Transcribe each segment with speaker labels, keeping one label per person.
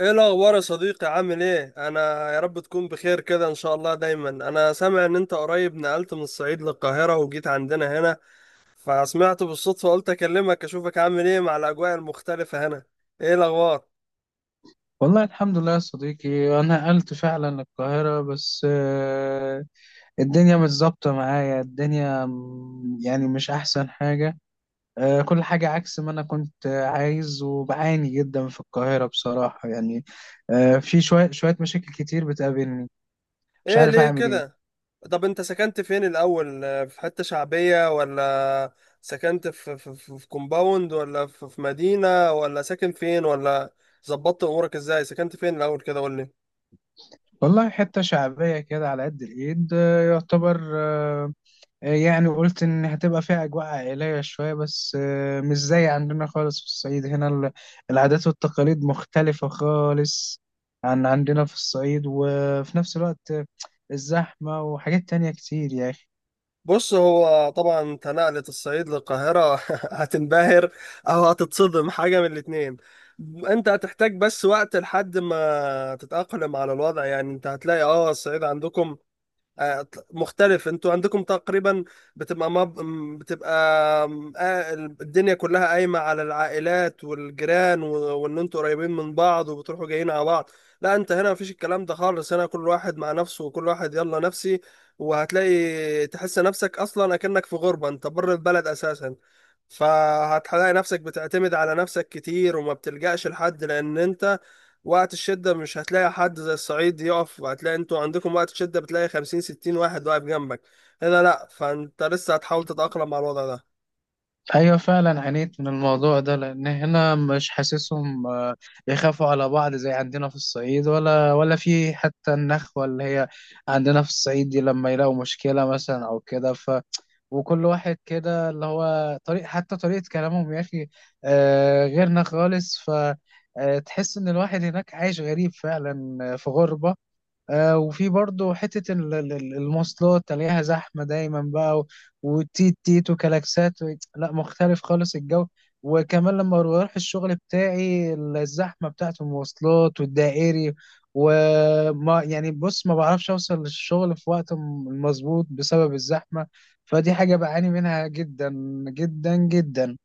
Speaker 1: ايه الاخبار يا صديقي؟ عامل ايه؟ انا يا رب تكون بخير كده ان شاء الله. دايما انا سامع ان انت قريب نقلت من الصعيد للقاهرة وجيت عندنا هنا، فسمعت بالصدفة قلت اكلمك اشوفك عامل ايه مع الاجواء المختلفة هنا. ايه الاخبار؟
Speaker 2: والله الحمد لله يا صديقي، أنا نقلت فعلا القاهرة بس. الدنيا مش ظابطة معايا. الدنيا يعني مش أحسن حاجة. كل حاجة عكس ما أنا كنت عايز، وبعاني جدا في القاهرة بصراحة يعني. في شوية مشاكل كتير بتقابلني، مش
Speaker 1: ايه
Speaker 2: عارف
Speaker 1: ليه
Speaker 2: أعمل إيه.
Speaker 1: كده؟ طب انت سكنت فين الاول، في حتة شعبية ولا سكنت في كومباوند ولا في مدينة ولا ساكن فين؟ ولا ظبطت امورك ازاي؟ سكنت فين الاول كده؟ قول لي.
Speaker 2: والله حتة شعبية كده على قد الإيد، يعتبر. يعني قلت إن هتبقى فيها أجواء عائلية شوية، بس مش زي عندنا خالص في الصعيد. هنا العادات والتقاليد مختلفة خالص عن عندنا في الصعيد. وفي نفس الوقت الزحمة وحاجات تانية كتير يا أخي.
Speaker 1: بص، هو طبعا انت نقلة الصعيد للقاهرة هتنبهر او هتتصدم، حاجة من الاتنين. انت هتحتاج بس وقت لحد ما تتأقلم على الوضع. يعني انت هتلاقي الصعيد عندكم آه، مختلف. انتوا عندكم تقريبا بتبقى بتبقى الدنيا كلها قايمة على العائلات والجيران وان انتوا قريبين من بعض وبتروحوا جايين على بعض. لا انت هنا مفيش الكلام ده خالص. هنا كل واحد مع نفسه وكل واحد يلا نفسي، وهتلاقي تحس نفسك اصلا اكنك في غربة، انت بره البلد اساسا. فهتلاقي نفسك بتعتمد على نفسك كتير وما بتلجأش لحد، لأن أنت وقت الشدة مش هتلاقي حد زي الصعيد يقف. هتلاقي انتوا عندكم وقت الشدة بتلاقي خمسين ستين واحد واقف جنبك، هنا لأ. فأنت لسه هتحاول تتأقلم مع الوضع ده.
Speaker 2: أيوة فعلا عانيت من الموضوع ده، لأن هنا مش حاسسهم بيخافوا على بعض زي عندنا في الصعيد، ولا في حتى النخوة اللي هي عندنا في الصعيد دي، لما يلاقوا مشكلة مثلا أو كده. وكل واحد كده اللي هو طريق، حتى طريقة كلامهم يا أخي غيرنا خالص. فتحس إن الواحد هناك عايش غريب فعلا، في غربة. آه، وفي برضه حتة المواصلات، تلاقيها زحمة دايما بقى، وتيت تيت وكلاكسات لا، مختلف خالص الجو. وكمان لما بروح الشغل بتاعي، الزحمة بتاعة المواصلات والدائري، وما يعني بص ما بعرفش أوصل للشغل في وقت مظبوط بسبب الزحمة. فدي حاجة بعاني منها جدا جدا جدا.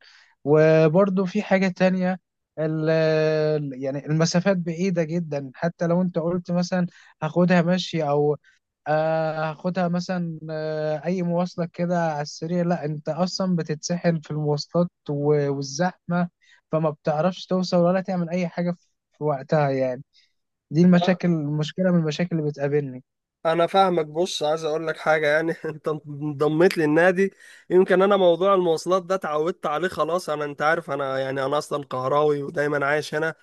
Speaker 2: وبرضه في حاجة تانية، يعني المسافات بعيدة جدا. حتى لو انت قلت مثلا هاخدها مشي، او هاخدها مثلا اي مواصلة كده على السريع، لا انت اصلا بتتسحل في المواصلات والزحمة. فما بتعرفش توصل ولا تعمل اي حاجة في في وقتها يعني. دي
Speaker 1: أه،
Speaker 2: المشاكل، مشكلة من المشاكل اللي بتقابلني.
Speaker 1: أنا فاهمك. بص، عايز أقول لك حاجة يعني أنت انضميت للنادي. يمكن أنا موضوع المواصلات ده اتعودت عليه خلاص. أنا أنت عارف أنا يعني أنا أصلا قهراوي ودايما عايش هنا،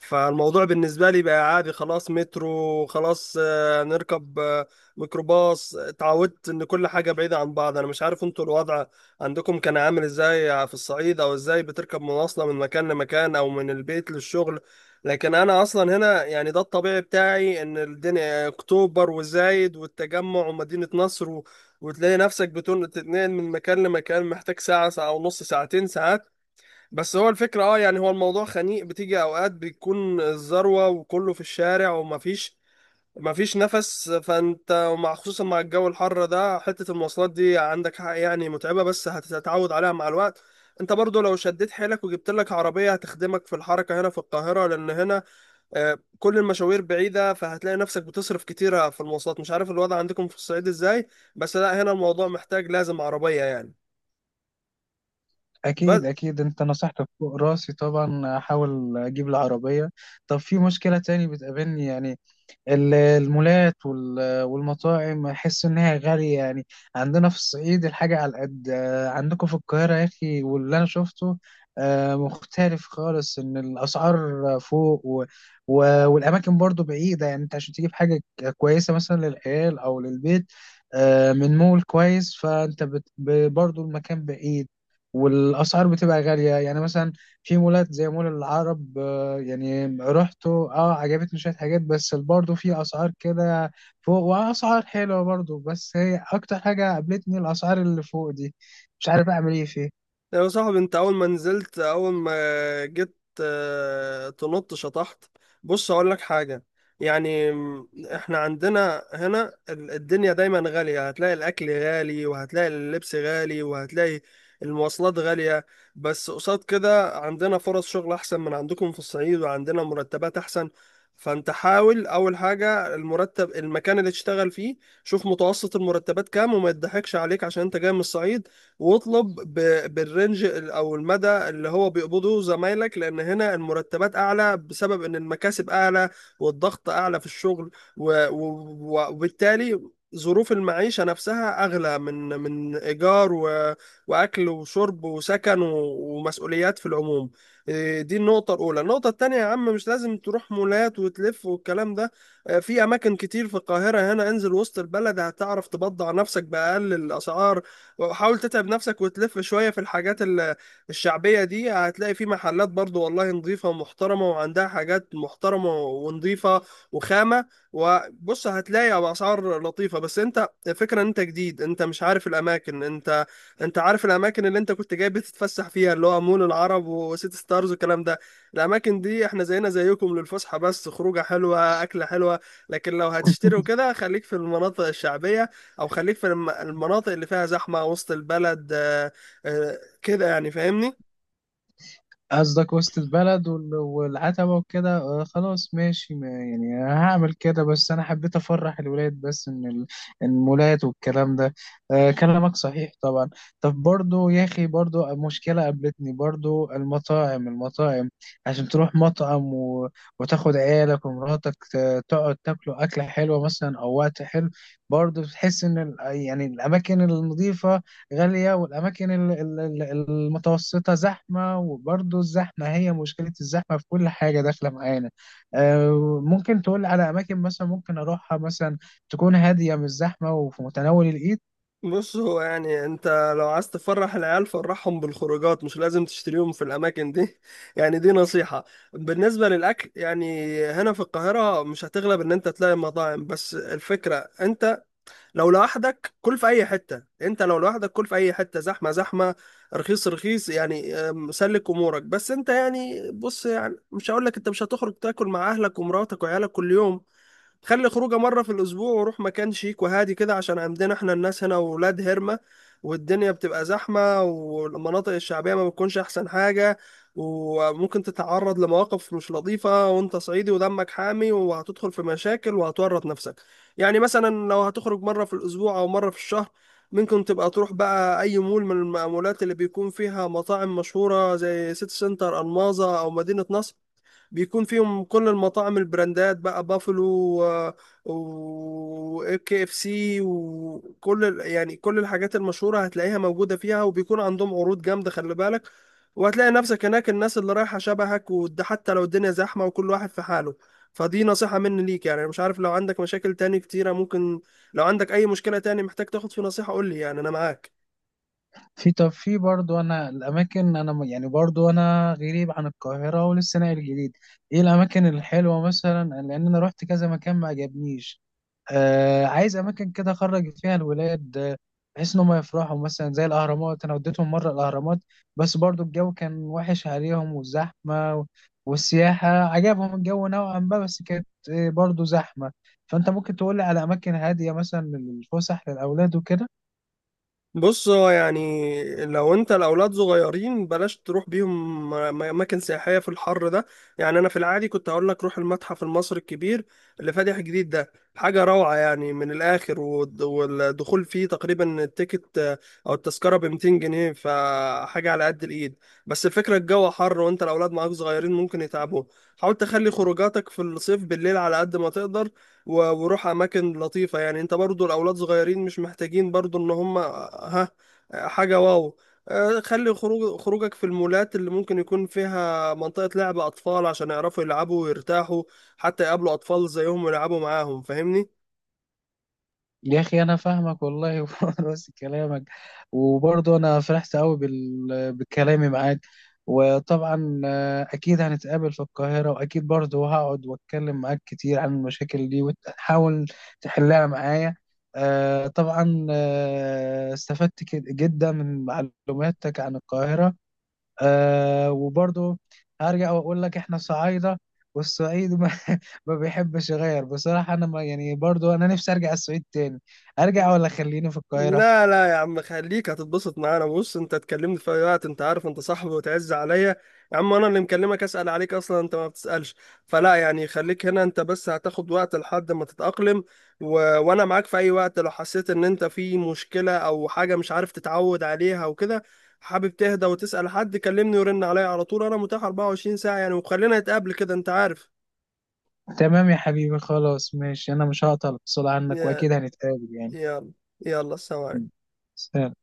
Speaker 1: فالموضوع بالنسبة لي بقى عادي خلاص. مترو خلاص، نركب ميكروباص. اتعودت ان كل حاجة بعيدة عن بعض. انا مش عارف انتوا الوضع عندكم كان عامل ازاي في الصعيد، او ازاي بتركب مواصلة من مكان لمكان او من البيت للشغل. لكن انا اصلا هنا يعني ده الطبيعي بتاعي، ان الدنيا اكتوبر وزايد والتجمع ومدينة نصر وتلاقي نفسك تتنقل من مكان لمكان محتاج ساعة، ساعة ونص، ساعتين، ساعات. بس هو الفكرة يعني هو الموضوع خنيق، بتيجي اوقات بيكون الذروة وكله في الشارع ومفيش نفس. فانت ومع خصوصا مع الجو الحر ده حتة المواصلات دي عندك حق يعني متعبة، بس هتتعود عليها مع الوقت. انت برضو لو شديت حيلك وجبت لك عربية هتخدمك في الحركة هنا في القاهرة، لان هنا كل المشاوير بعيدة، فهتلاقي نفسك بتصرف كتيرة في المواصلات. مش عارف الوضع عندكم في الصعيد ازاي، بس لا هنا الموضوع محتاج لازم عربية يعني.
Speaker 2: أكيد أكيد، أنت نصحتك فوق راسي طبعا، أحاول أجيب العربية. طب في مشكلة تاني بتقابلني يعني، المولات والمطاعم، احس انها غاليه يعني. عندنا في الصعيد الحاجه على قد عندكم في القاهره يا اخي. واللي انا شفته مختلف خالص، ان الاسعار فوق. والاماكن برضو بعيده. يعني انت عشان تجيب حاجه كويسه مثلا للعيال او للبيت من مول كويس، فانت برضو المكان بعيد، والاسعار بتبقى غاليه. يعني مثلا في مولات زي مول العرب، يعني رحت اه، عجبتني شوية حاجات، بس برضه في أسعار كده فوق، وأسعار حلوة برضه. بس هي أكتر حاجة قابلتني الأسعار اللي فوق دي، مش عارف أعمل إيه فيها.
Speaker 1: يا صاحبي انت اول ما نزلت، اول ما جيت تنط شطحت. بص اقول لك حاجة يعني، احنا عندنا هنا الدنيا دايما غالية. هتلاقي الاكل غالي، وهتلاقي اللبس غالي، وهتلاقي المواصلات غالية. بس قصاد كده عندنا فرص شغل احسن من عندكم في الصعيد، وعندنا مرتبات احسن. فانت حاول اول حاجة المرتب، المكان اللي تشتغل فيه شوف متوسط المرتبات كام، وما يضحكش عليك عشان انت جاي من الصعيد. واطلب بالرنج او المدى اللي هو بيقبضه زمايلك، لان هنا المرتبات اعلى بسبب ان المكاسب اعلى والضغط اعلى في الشغل. وبالتالي ظروف المعيشة نفسها أغلى، من إيجار وأكل وشرب وسكن ومسؤوليات في العموم. إيه، دي النقطة الأولى. النقطة التانية يا عم، مش لازم تروح مولات وتلف والكلام ده. في أماكن كتير في القاهرة هنا. انزل وسط البلد هتعرف تبضع نفسك بأقل الأسعار. وحاول تتعب نفسك وتلف شوية في الحاجات الشعبية دي، هتلاقي في محلات برضو والله نظيفة ومحترمة، وعندها حاجات محترمة ونظيفة وخامة. وبص هتلاقي بأسعار لطيفة. بس انت الفكرة ان انت جديد، انت مش عارف الاماكن. انت عارف الاماكن اللي انت كنت جاي بتتفسح فيها، اللي هو مول العرب وسيتي ستارز والكلام ده. الاماكن دي احنا زينا زيكم، للفسحة بس، خروجة حلوة اكلة حلوة. لكن لو هتشتري وكده خليك في المناطق الشعبية، او خليك في المناطق اللي فيها زحمه، وسط البلد كده يعني، فاهمني؟
Speaker 2: قصدك وسط البلد والعتبة وكده، خلاص ماشي، ما يعني هعمل كده. بس أنا حبيت أفرح الولاد بس، إن المولات والكلام ده كلامك صحيح طبعا. طب برضو يا أخي، برضو مشكلة قابلتني، برضو المطاعم. عشان تروح مطعم وتاخد عيالك ومراتك، تقعد تاكلوا أكلة حلوة مثلا أو وقت حلو، برضو بتحس إن يعني الأماكن النظيفة غالية، والأماكن المتوسطة زحمة. وبرضه الزحمة هي مشكلة، الزحمة في كل حاجة داخلة معانا. ممكن تقول على أماكن مثلا ممكن أروحها، مثلا تكون هادية مش زحمة وفي متناول الإيد.
Speaker 1: بص هو يعني انت لو عايز تفرح العيال، فرحهم بالخروجات، مش لازم تشتريهم في الاماكن دي يعني دي نصيحه. بالنسبه للاكل يعني هنا في القاهره مش هتغلب ان انت تلاقي مطاعم، بس الفكره انت لو لوحدك كل في اي حته. انت لو لوحدك كل في اي حته، زحمه زحمه، رخيص رخيص، يعني سلك امورك. بس انت يعني بص، يعني مش هقول لك انت مش هتخرج تاكل مع اهلك ومراتك وعيالك كل يوم. خلي خروجه مرة في الأسبوع، وروح مكان شيك وهادي كده. عشان عندنا احنا الناس هنا ولاد هرمة، والدنيا بتبقى زحمة، والمناطق الشعبية ما بتكونش أحسن حاجة، وممكن تتعرض لمواقف مش لطيفة. وأنت صعيدي ودمك حامي، وهتدخل في مشاكل وهتورط نفسك. يعني مثلا لو هتخرج مرة في الأسبوع أو مرة في الشهر، ممكن تبقى تروح بقى أي مول من المولات اللي بيكون فيها مطاعم مشهورة، زي سيتي سنتر ألماظة أو مدينة نصر. بيكون فيهم كل المطاعم، البراندات بقى، بافلو وكي اف سي، وكل يعني كل الحاجات المشهورة هتلاقيها موجودة فيها، وبيكون عندهم عروض جامدة خلي بالك. وهتلاقي نفسك هناك الناس اللي رايحة شبهك، وده حتى لو الدنيا زحمة وكل واحد في حاله. فدي نصيحة مني ليك يعني. أنا مش عارف لو عندك مشاكل تاني كتيرة، ممكن لو عندك أي مشكلة تاني محتاج تاخد في نصيحة قول لي، يعني أنا معاك.
Speaker 2: في طب في برضه أنا الأماكن، أنا يعني برضه أنا غريب عن القاهرة ولسه ناقل جديد. إيه الأماكن الحلوة مثلا؟ لأن أنا رحت كذا مكان ما عجبنيش. آه، عايز اماكن كده اخرج فيها الولاد بحيث ان هم يفرحوا. مثلا زي الاهرامات، انا وديتهم مره الاهرامات، بس برضو الجو كان وحش عليهم، والزحمه والسياحه عجبهم الجو نوعا ما، بس كانت برضو زحمه. فانت ممكن تقول لي على اماكن هاديه مثلا للفسح للاولاد وكده.
Speaker 1: بص هو يعني لو انت الاولاد صغيرين بلاش تروح بيهم اماكن سياحيه في الحر ده. يعني انا في العادي كنت هقول لك روح المتحف المصري الكبير اللي فاتح جديد ده، حاجه روعه يعني من الاخر. والدخول فيه تقريبا التيكت او التذكره ب 200 جنيه، فحاجه على قد الايد. بس الفكره الجو حر، وانت الاولاد معاك صغيرين ممكن يتعبوا. حاول تخلي خروجاتك في الصيف بالليل على قد ما تقدر. وروح اماكن لطيفه. يعني انت برضو الاولاد صغيرين مش محتاجين برضو ان هم ها حاجه واو. خلي خروجك في المولات اللي ممكن يكون فيها منطقه لعب اطفال، عشان يعرفوا يلعبوا ويرتاحوا، حتى يقابلوا اطفال زيهم ويلعبوا معاهم. فاهمني؟
Speaker 2: يا اخي انا فاهمك والله، ونفس كلامك. وبرضه انا فرحت قوي بكلامي معاك. وطبعا اكيد هنتقابل في القاهرة، واكيد برضه هقعد واتكلم معاك كتير عن المشاكل دي، وتحاول تحلها معايا. طبعا استفدت جدا من معلوماتك عن القاهرة. آه، وبرضه هرجع واقول لك احنا صعايده، والصعيد ما, ما بيحبش يغير بصراحه. انا ما يعني برضه انا نفسي ارجع الصعيد تاني، ارجع ولا خليني في القاهره؟
Speaker 1: لا لا يا عم خليك، هتتبسط معانا. بص انت تكلمني في اي وقت، انت عارف انت صاحبي وتعز عليا. يا عم انا اللي مكلمك اسال عليك اصلا، انت ما بتسالش. فلا يعني خليك هنا، انت بس هتاخد وقت لحد ما تتاقلم. وانا معاك في اي وقت، لو حسيت ان انت في مشكله او حاجه مش عارف تتعود عليها وكده، حابب تهدى وتسال حد، كلمني ورن عليا على طول. انا متاح 24 ساعه يعني. وخلينا نتقابل كده، انت عارف.
Speaker 2: تمام يا حبيبي، خلاص ماشي، انا مش هقطع الاتصال عنك،
Speaker 1: يا
Speaker 2: واكيد هنتقابل يعني.
Speaker 1: يلا، يلا، سلام عليكم.
Speaker 2: سلام.